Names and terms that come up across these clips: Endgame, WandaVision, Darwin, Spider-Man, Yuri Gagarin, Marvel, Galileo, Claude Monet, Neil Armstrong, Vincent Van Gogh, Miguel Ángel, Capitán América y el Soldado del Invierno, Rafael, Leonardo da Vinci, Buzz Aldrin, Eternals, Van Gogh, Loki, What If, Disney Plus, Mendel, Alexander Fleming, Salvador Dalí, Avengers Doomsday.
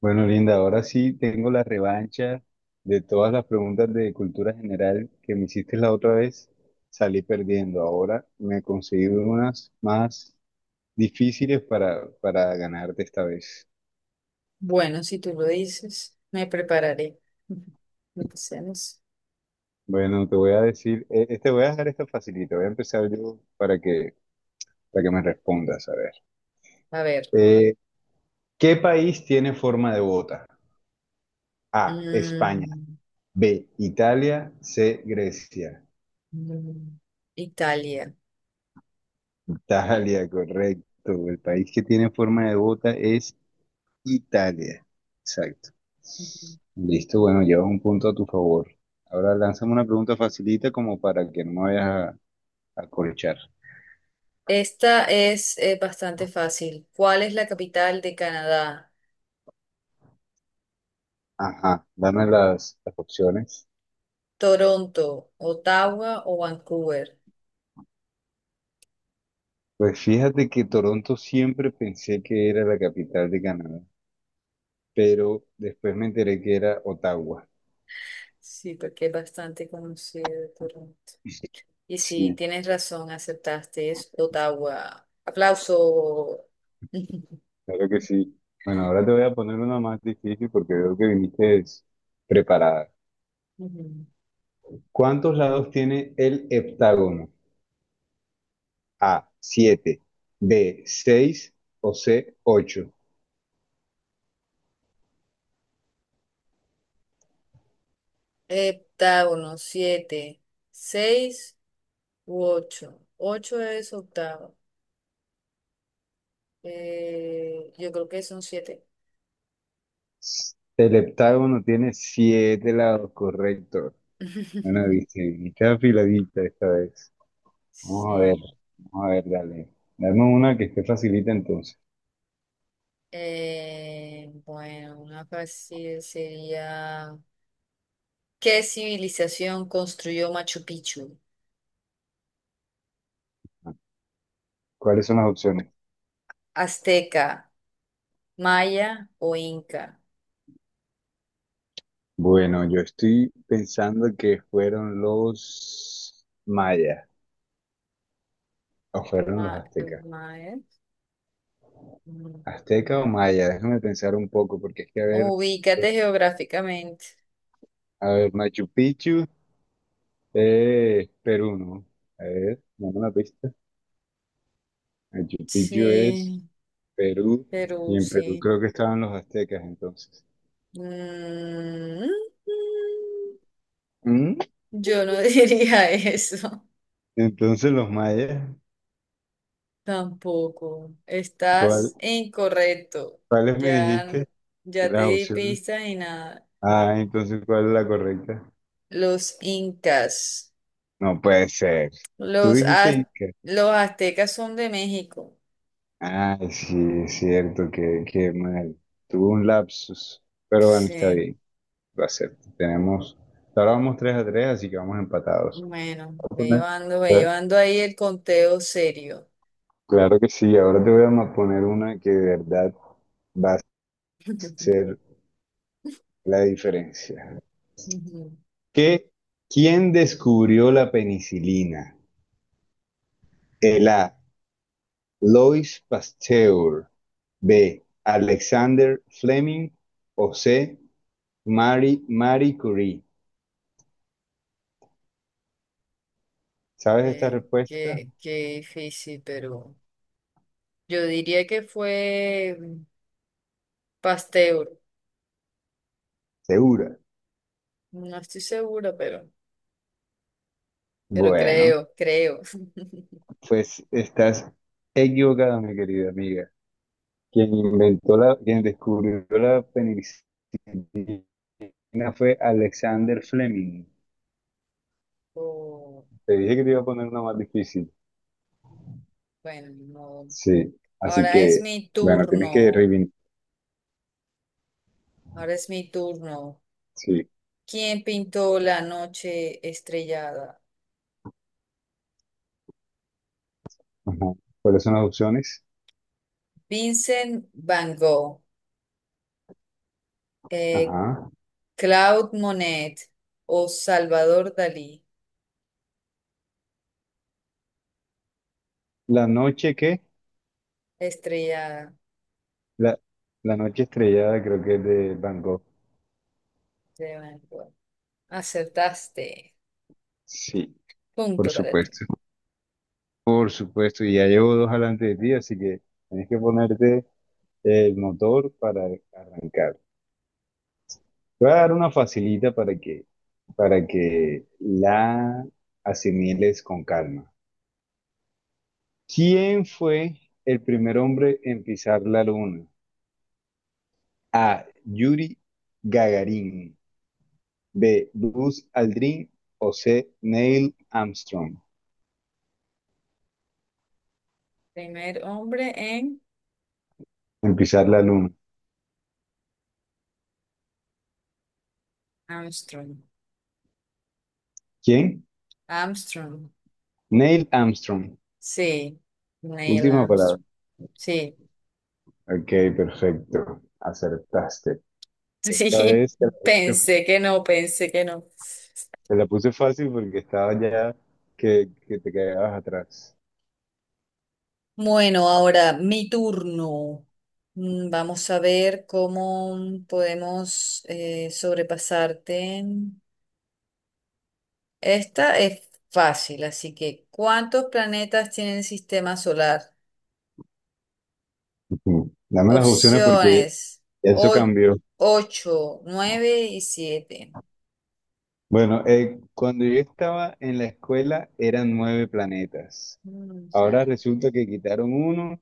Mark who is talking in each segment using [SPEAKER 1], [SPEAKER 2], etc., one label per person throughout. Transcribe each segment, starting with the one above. [SPEAKER 1] Bueno, Linda, ahora sí tengo la revancha de todas las preguntas de cultura general que me hiciste la otra vez. Salí perdiendo. Ahora me he conseguido unas más difíciles para ganarte esta vez.
[SPEAKER 2] Bueno, si tú lo dices, me prepararé. Empecemos.
[SPEAKER 1] Bueno, te voy a decir, te voy a dejar esta facilita. Voy a empezar yo para que me respondas. A ver.
[SPEAKER 2] A ver.
[SPEAKER 1] Eh, ¿qué país tiene forma de bota? A, España.
[SPEAKER 2] mm,
[SPEAKER 1] B, Italia. C, Grecia.
[SPEAKER 2] mm, Italia.
[SPEAKER 1] Italia, correcto. El país que tiene forma de bota es Italia. Exacto.
[SPEAKER 2] Ujú.
[SPEAKER 1] Listo, bueno, llevas un punto a tu favor. Ahora lánzame una pregunta facilita como para que no me vayas a corchar.
[SPEAKER 2] Esta es bastante fácil. ¿Cuál es la capital de Canadá?
[SPEAKER 1] Ajá, dame las opciones.
[SPEAKER 2] ¿Toronto, Ottawa o Vancouver?
[SPEAKER 1] Pues fíjate que Toronto siempre pensé que era la capital de Canadá, pero después me enteré que era Ottawa.
[SPEAKER 2] Sí, porque es bastante conocido Toronto. Y sí,
[SPEAKER 1] Sí,
[SPEAKER 2] tienes razón, aceptaste, es Ottawa. Aplauso.
[SPEAKER 1] claro que sí. Bueno, ahora te voy a poner una más difícil porque veo que viniste preparada.
[SPEAKER 2] Ujú.
[SPEAKER 1] ¿Cuántos lados tiene el heptágono? A, 7, B, 6 o C, 8.
[SPEAKER 2] Heptágono, siete, seis u ocho. Ocho es octavo. Yo creo que son siete.
[SPEAKER 1] El heptágono tiene siete lados, correcto. Bueno, dice, está afiladita esta vez. Vamos a ver,
[SPEAKER 2] Sí.
[SPEAKER 1] vamos a ver, dale. Dame una que esté facilita entonces.
[SPEAKER 2] Bueno, una fácil sería, ¿qué civilización construyó Machu Picchu?
[SPEAKER 1] ¿Cuáles son las opciones?
[SPEAKER 2] ¿Azteca, maya o inca?
[SPEAKER 1] Bueno, yo estoy pensando que fueron los mayas o fueron los
[SPEAKER 2] Ma-
[SPEAKER 1] aztecas.
[SPEAKER 2] maya. Mm.
[SPEAKER 1] ¿Azteca o maya? Déjame pensar un poco porque es que a ver.
[SPEAKER 2] Ubícate geográficamente.
[SPEAKER 1] A ver, Machu Picchu, Perú, ¿no? A ver, dame una pista. Machu Picchu es
[SPEAKER 2] Sí,
[SPEAKER 1] Perú, y
[SPEAKER 2] Perú,
[SPEAKER 1] en Perú
[SPEAKER 2] sí.
[SPEAKER 1] creo que estaban los aztecas entonces.
[SPEAKER 2] Mm,
[SPEAKER 1] ¿Mm?
[SPEAKER 2] yo no diría eso
[SPEAKER 1] Entonces los mayas,
[SPEAKER 2] tampoco.
[SPEAKER 1] ¿cuál,
[SPEAKER 2] Estás incorrecto.
[SPEAKER 1] cuáles me dijiste?
[SPEAKER 2] Ya, ya te
[SPEAKER 1] Las
[SPEAKER 2] di
[SPEAKER 1] opciones.
[SPEAKER 2] pistas y nada.
[SPEAKER 1] Ah, entonces, ¿cuál es la correcta?
[SPEAKER 2] Los incas.
[SPEAKER 1] No puede ser. Tú
[SPEAKER 2] Los,
[SPEAKER 1] dijiste
[SPEAKER 2] az-
[SPEAKER 1] Inca.
[SPEAKER 2] los aztecas son de México.
[SPEAKER 1] Ay, sí, es cierto, que qué mal. Tuvo un lapsus, pero bueno, está
[SPEAKER 2] Sí.
[SPEAKER 1] bien, lo acepto. Tenemos, ahora vamos 3 a tres, así que vamos empatados.
[SPEAKER 2] Bueno,
[SPEAKER 1] poner-
[SPEAKER 2] ve
[SPEAKER 1] Cla-
[SPEAKER 2] llevando ahí el conteo serio.
[SPEAKER 1] Claro que sí, ahora te voy a poner una que de verdad va a ser la diferencia.
[SPEAKER 2] Ujú.
[SPEAKER 1] ¿Qué? ¿Quién descubrió la penicilina? El A. Lois Pasteur. B. Alexander Fleming. O C. Marie Curie. ¿Sabes esta
[SPEAKER 2] Qué,
[SPEAKER 1] respuesta?
[SPEAKER 2] qué, qué difícil, pero yo diría que fue Pasteur.
[SPEAKER 1] Segura.
[SPEAKER 2] No estoy segura pero
[SPEAKER 1] Bueno,
[SPEAKER 2] creo, creo.
[SPEAKER 1] pues estás equivocada, mi querida amiga. Quien descubrió la penicilina una fue Alexander Fleming.
[SPEAKER 2] Oh,
[SPEAKER 1] Te dije que te iba a poner una más difícil.
[SPEAKER 2] bueno, no.
[SPEAKER 1] Sí, así
[SPEAKER 2] Ahora es
[SPEAKER 1] que,
[SPEAKER 2] mi
[SPEAKER 1] bueno, tienes que
[SPEAKER 2] turno.
[SPEAKER 1] reivindicar.
[SPEAKER 2] Ahora es mi turno.
[SPEAKER 1] Sí.
[SPEAKER 2] ¿Quién pintó la noche estrellada?
[SPEAKER 1] Ajá. ¿Cuáles son las opciones?
[SPEAKER 2] Vincent Van Gogh, eh,
[SPEAKER 1] Ajá.
[SPEAKER 2] Claude Monet o Salvador Dalí.
[SPEAKER 1] La noche qué
[SPEAKER 2] La estrellada
[SPEAKER 1] la, la noche estrellada creo que es de Van Gogh.
[SPEAKER 2] de Van Gogh. Acertaste.
[SPEAKER 1] Sí,
[SPEAKER 2] Punto
[SPEAKER 1] por
[SPEAKER 2] para ti.
[SPEAKER 1] supuesto. Por supuesto, y ya llevo dos adelante de ti, así que tienes que ponerte el motor para arrancar. Te voy a dar una facilita para que, la asimiles con calma. ¿Quién fue el primer hombre en pisar la luna? A. Yuri Gagarin. B. Buzz Aldrin. O C. Neil Armstrong.
[SPEAKER 2] Primer hombre en
[SPEAKER 1] En pisar la luna.
[SPEAKER 2] Armstrong.
[SPEAKER 1] ¿Quién?
[SPEAKER 2] Armstrong.
[SPEAKER 1] Neil Armstrong.
[SPEAKER 2] Sí, Neil
[SPEAKER 1] Última palabra.
[SPEAKER 2] Armstrong. Sí,
[SPEAKER 1] Ok, perfecto. Acertaste. Esta
[SPEAKER 2] sí,
[SPEAKER 1] vez puse,
[SPEAKER 2] pensé que no, pensé que no.
[SPEAKER 1] te la puse fácil porque estaba ya que te quedabas atrás.
[SPEAKER 2] Bueno, ahora mi turno. Vamos a ver cómo podemos sobrepasarte. Esta es fácil, así que ¿cuántos planetas tiene el sistema solar?
[SPEAKER 1] Ujú. Dame las opciones porque
[SPEAKER 2] Opciones
[SPEAKER 1] eso cambió.
[SPEAKER 2] ocho, nueve y siete.
[SPEAKER 1] Bueno, cuando yo estaba en la escuela eran nueve planetas. Ahora resulta que quitaron uno,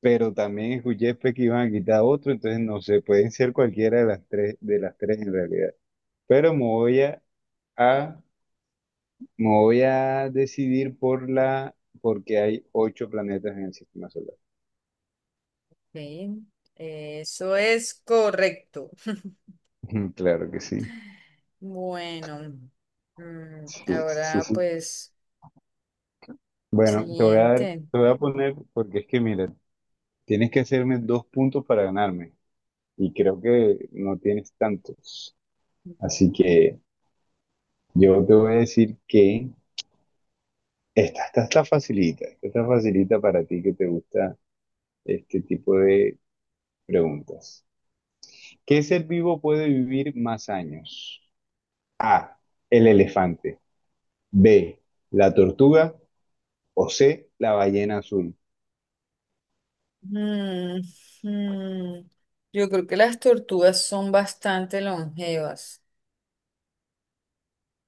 [SPEAKER 1] pero también escuché pues, que iban a quitar otro, entonces no sé, pueden ser cualquiera de las tres en realidad. Pero a- me voy a decidir porque hay ocho planetas en el sistema solar.
[SPEAKER 2] Eso es correcto.
[SPEAKER 1] Ujú. Claro que sí.
[SPEAKER 2] Bueno,
[SPEAKER 1] Sí, sí,
[SPEAKER 2] ahora
[SPEAKER 1] sí.
[SPEAKER 2] pues,
[SPEAKER 1] Bueno, te voy a
[SPEAKER 2] siguiente.
[SPEAKER 1] dar, te voy a poner, porque es que mira, tienes que hacerme dos puntos para ganarme, y creo que no tienes tantos. Así que yo te voy a decir que esta está facilita, esta está facilita para ti que te gusta este tipo de preguntas. ¿Qué ser vivo puede vivir más años? A, el elefante, B, la tortuga o C, la ballena azul.
[SPEAKER 2] Mm, mm, Yo creo que las tortugas son bastante longevas.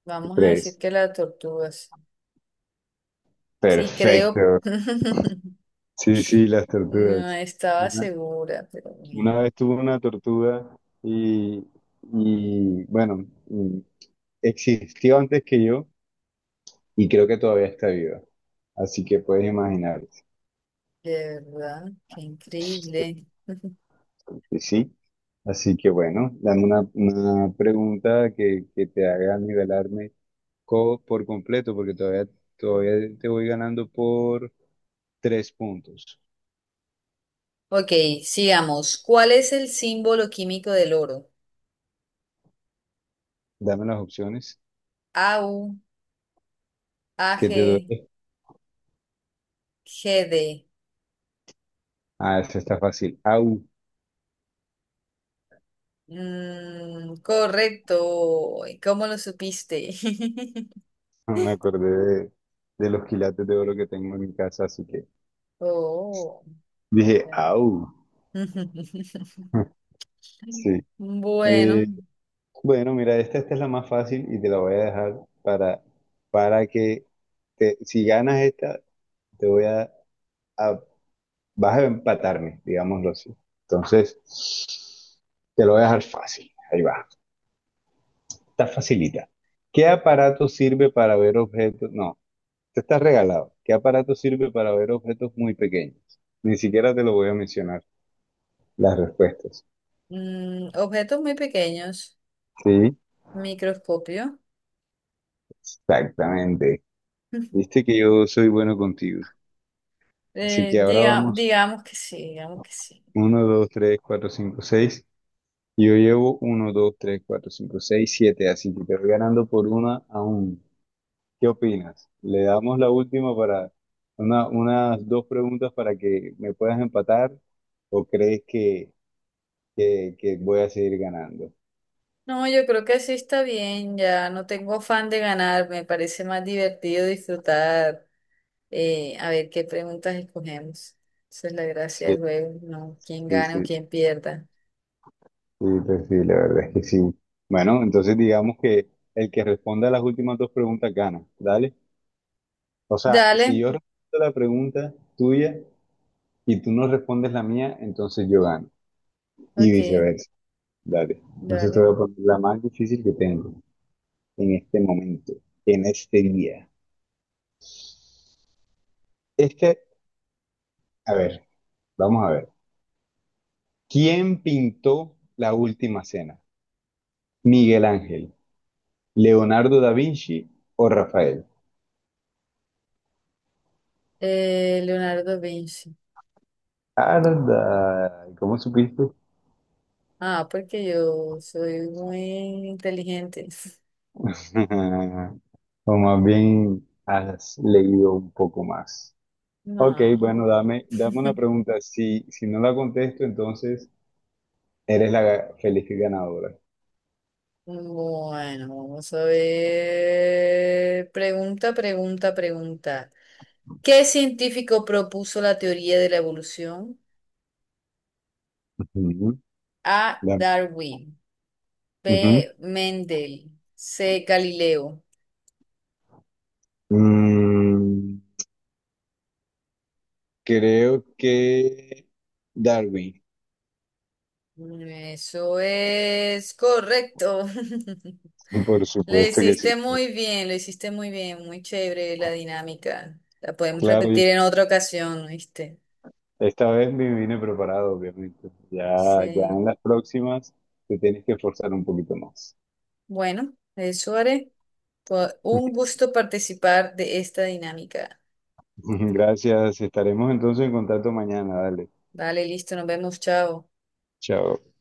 [SPEAKER 2] Vamos a decir
[SPEAKER 1] Tres.
[SPEAKER 2] que las tortugas. Sí, creo.
[SPEAKER 1] Perfecto. Sí, sí, las
[SPEAKER 2] No
[SPEAKER 1] tortugas.
[SPEAKER 2] estaba
[SPEAKER 1] Una,
[SPEAKER 2] segura, pero bueno,
[SPEAKER 1] una vez tuve una tortuga y, y, bueno, existió antes que yo y creo que todavía está viva. Así que puedes imaginar,
[SPEAKER 2] de verdad, qué increíble.
[SPEAKER 1] sí. Sí. Así que bueno, dame una pregunta que te haga nivelarme por completo, porque todavía, todavía te voy ganando por tres puntos.
[SPEAKER 2] Ok, sigamos. ¿Cuál es el símbolo químico del oro?
[SPEAKER 1] Dame las opciones
[SPEAKER 2] Au,
[SPEAKER 1] que te
[SPEAKER 2] Ag,
[SPEAKER 1] doy.
[SPEAKER 2] Gd.
[SPEAKER 1] Ah, eso está fácil. Au,
[SPEAKER 2] Mm, correcto. ¿Y cómo lo supiste?
[SPEAKER 1] no me acordé de, de los quilates de oro que tengo en mi casa, así que
[SPEAKER 2] Oh.
[SPEAKER 1] dije,
[SPEAKER 2] Claro.
[SPEAKER 1] au. Sí.
[SPEAKER 2] Bueno,
[SPEAKER 1] eh, Bueno, mira, esta es la más fácil y te la voy a dejar para, que si ganas esta, te voy a- vas a empatarme, digámoslo así. Entonces, te lo voy a dejar fácil. Ahí va. Está facilita. ¿Qué aparato sirve para ver objetos? No, te estás regalado. ¿Qué aparato sirve para ver objetos muy pequeños? Ni siquiera te lo voy a mencionar las respuestas.
[SPEAKER 2] objetos muy pequeños,
[SPEAKER 1] Sí,
[SPEAKER 2] microscopio.
[SPEAKER 1] exactamente. Viste que yo soy bueno contigo. Así
[SPEAKER 2] Eh,
[SPEAKER 1] que ahora
[SPEAKER 2] diga-
[SPEAKER 1] vamos
[SPEAKER 2] digamos que sí, digamos que sí.
[SPEAKER 1] 1, 2, 3, 4, 5, 6. Yo llevo uno, dos, tres, cuatro, cinco, seis, siete. Así que te voy ganando por una a uno. ¿Qué opinas? Le damos la última para unas dos preguntas para que me puedas empatar o crees que voy a seguir ganando.
[SPEAKER 2] No, yo creo que sí está bien, ya no tengo afán de ganar, me parece más divertido disfrutar, a ver qué preguntas escogemos. Esa es la gracia
[SPEAKER 1] Sí,
[SPEAKER 2] del juego, ¿no? Quién
[SPEAKER 1] sí, sí,
[SPEAKER 2] gane o
[SPEAKER 1] sí,
[SPEAKER 2] quién pierda.
[SPEAKER 1] pues sí, la verdad es que sí. Bueno, entonces digamos que el que responda a las últimas dos preguntas gana, ¿dale? O sea,
[SPEAKER 2] Dale,
[SPEAKER 1] si yo respondo la pregunta tuya, y tú no respondes la mía, entonces yo gano. Y
[SPEAKER 2] Ok,
[SPEAKER 1] viceversa. Dale. Entonces te
[SPEAKER 2] dale.
[SPEAKER 1] voy a poner la más difícil que tengo en este momento, en este día. Este, a ver, vamos a ver. ¿Quién pintó la última cena? ¿Miguel Ángel, Leonardo da Vinci o Rafael?
[SPEAKER 2] Leonardo da Vinci.
[SPEAKER 1] Arda, ¿cómo supiste?
[SPEAKER 2] Ah, porque yo soy muy inteligente.
[SPEAKER 1] O más bien has leído un poco más. Ok,
[SPEAKER 2] No.
[SPEAKER 1] bueno, dame una pregunta. Si no la contesto, entonces eres la feliz ganadora.
[SPEAKER 2] Bueno, vamos a ver. Pregunta, pregunta, pregunta. ¿Qué científico propuso la teoría de la evolución?
[SPEAKER 1] Ujú.
[SPEAKER 2] A.
[SPEAKER 1] Da-
[SPEAKER 2] Darwin.
[SPEAKER 1] ujú.
[SPEAKER 2] B. Mendel. C. Galileo.
[SPEAKER 1] Mm, creo que Darwin.
[SPEAKER 2] Eso es correcto.
[SPEAKER 1] Por
[SPEAKER 2] Lo
[SPEAKER 1] supuesto que sí.
[SPEAKER 2] hiciste muy bien, lo hiciste muy bien, muy chévere la dinámica. La podemos
[SPEAKER 1] Claro, y
[SPEAKER 2] repetir en otra ocasión, ¿viste?
[SPEAKER 1] esta vez me vine preparado, obviamente. Ya, ya
[SPEAKER 2] Sí.
[SPEAKER 1] en las próximas te tienes que esforzar un poquito más.
[SPEAKER 2] Bueno, eso haré. Fue un gusto participar de esta dinámica.
[SPEAKER 1] Gracias. Estaremos entonces en contacto mañana. Dale.
[SPEAKER 2] Vale, listo, nos vemos, chao.
[SPEAKER 1] Chao.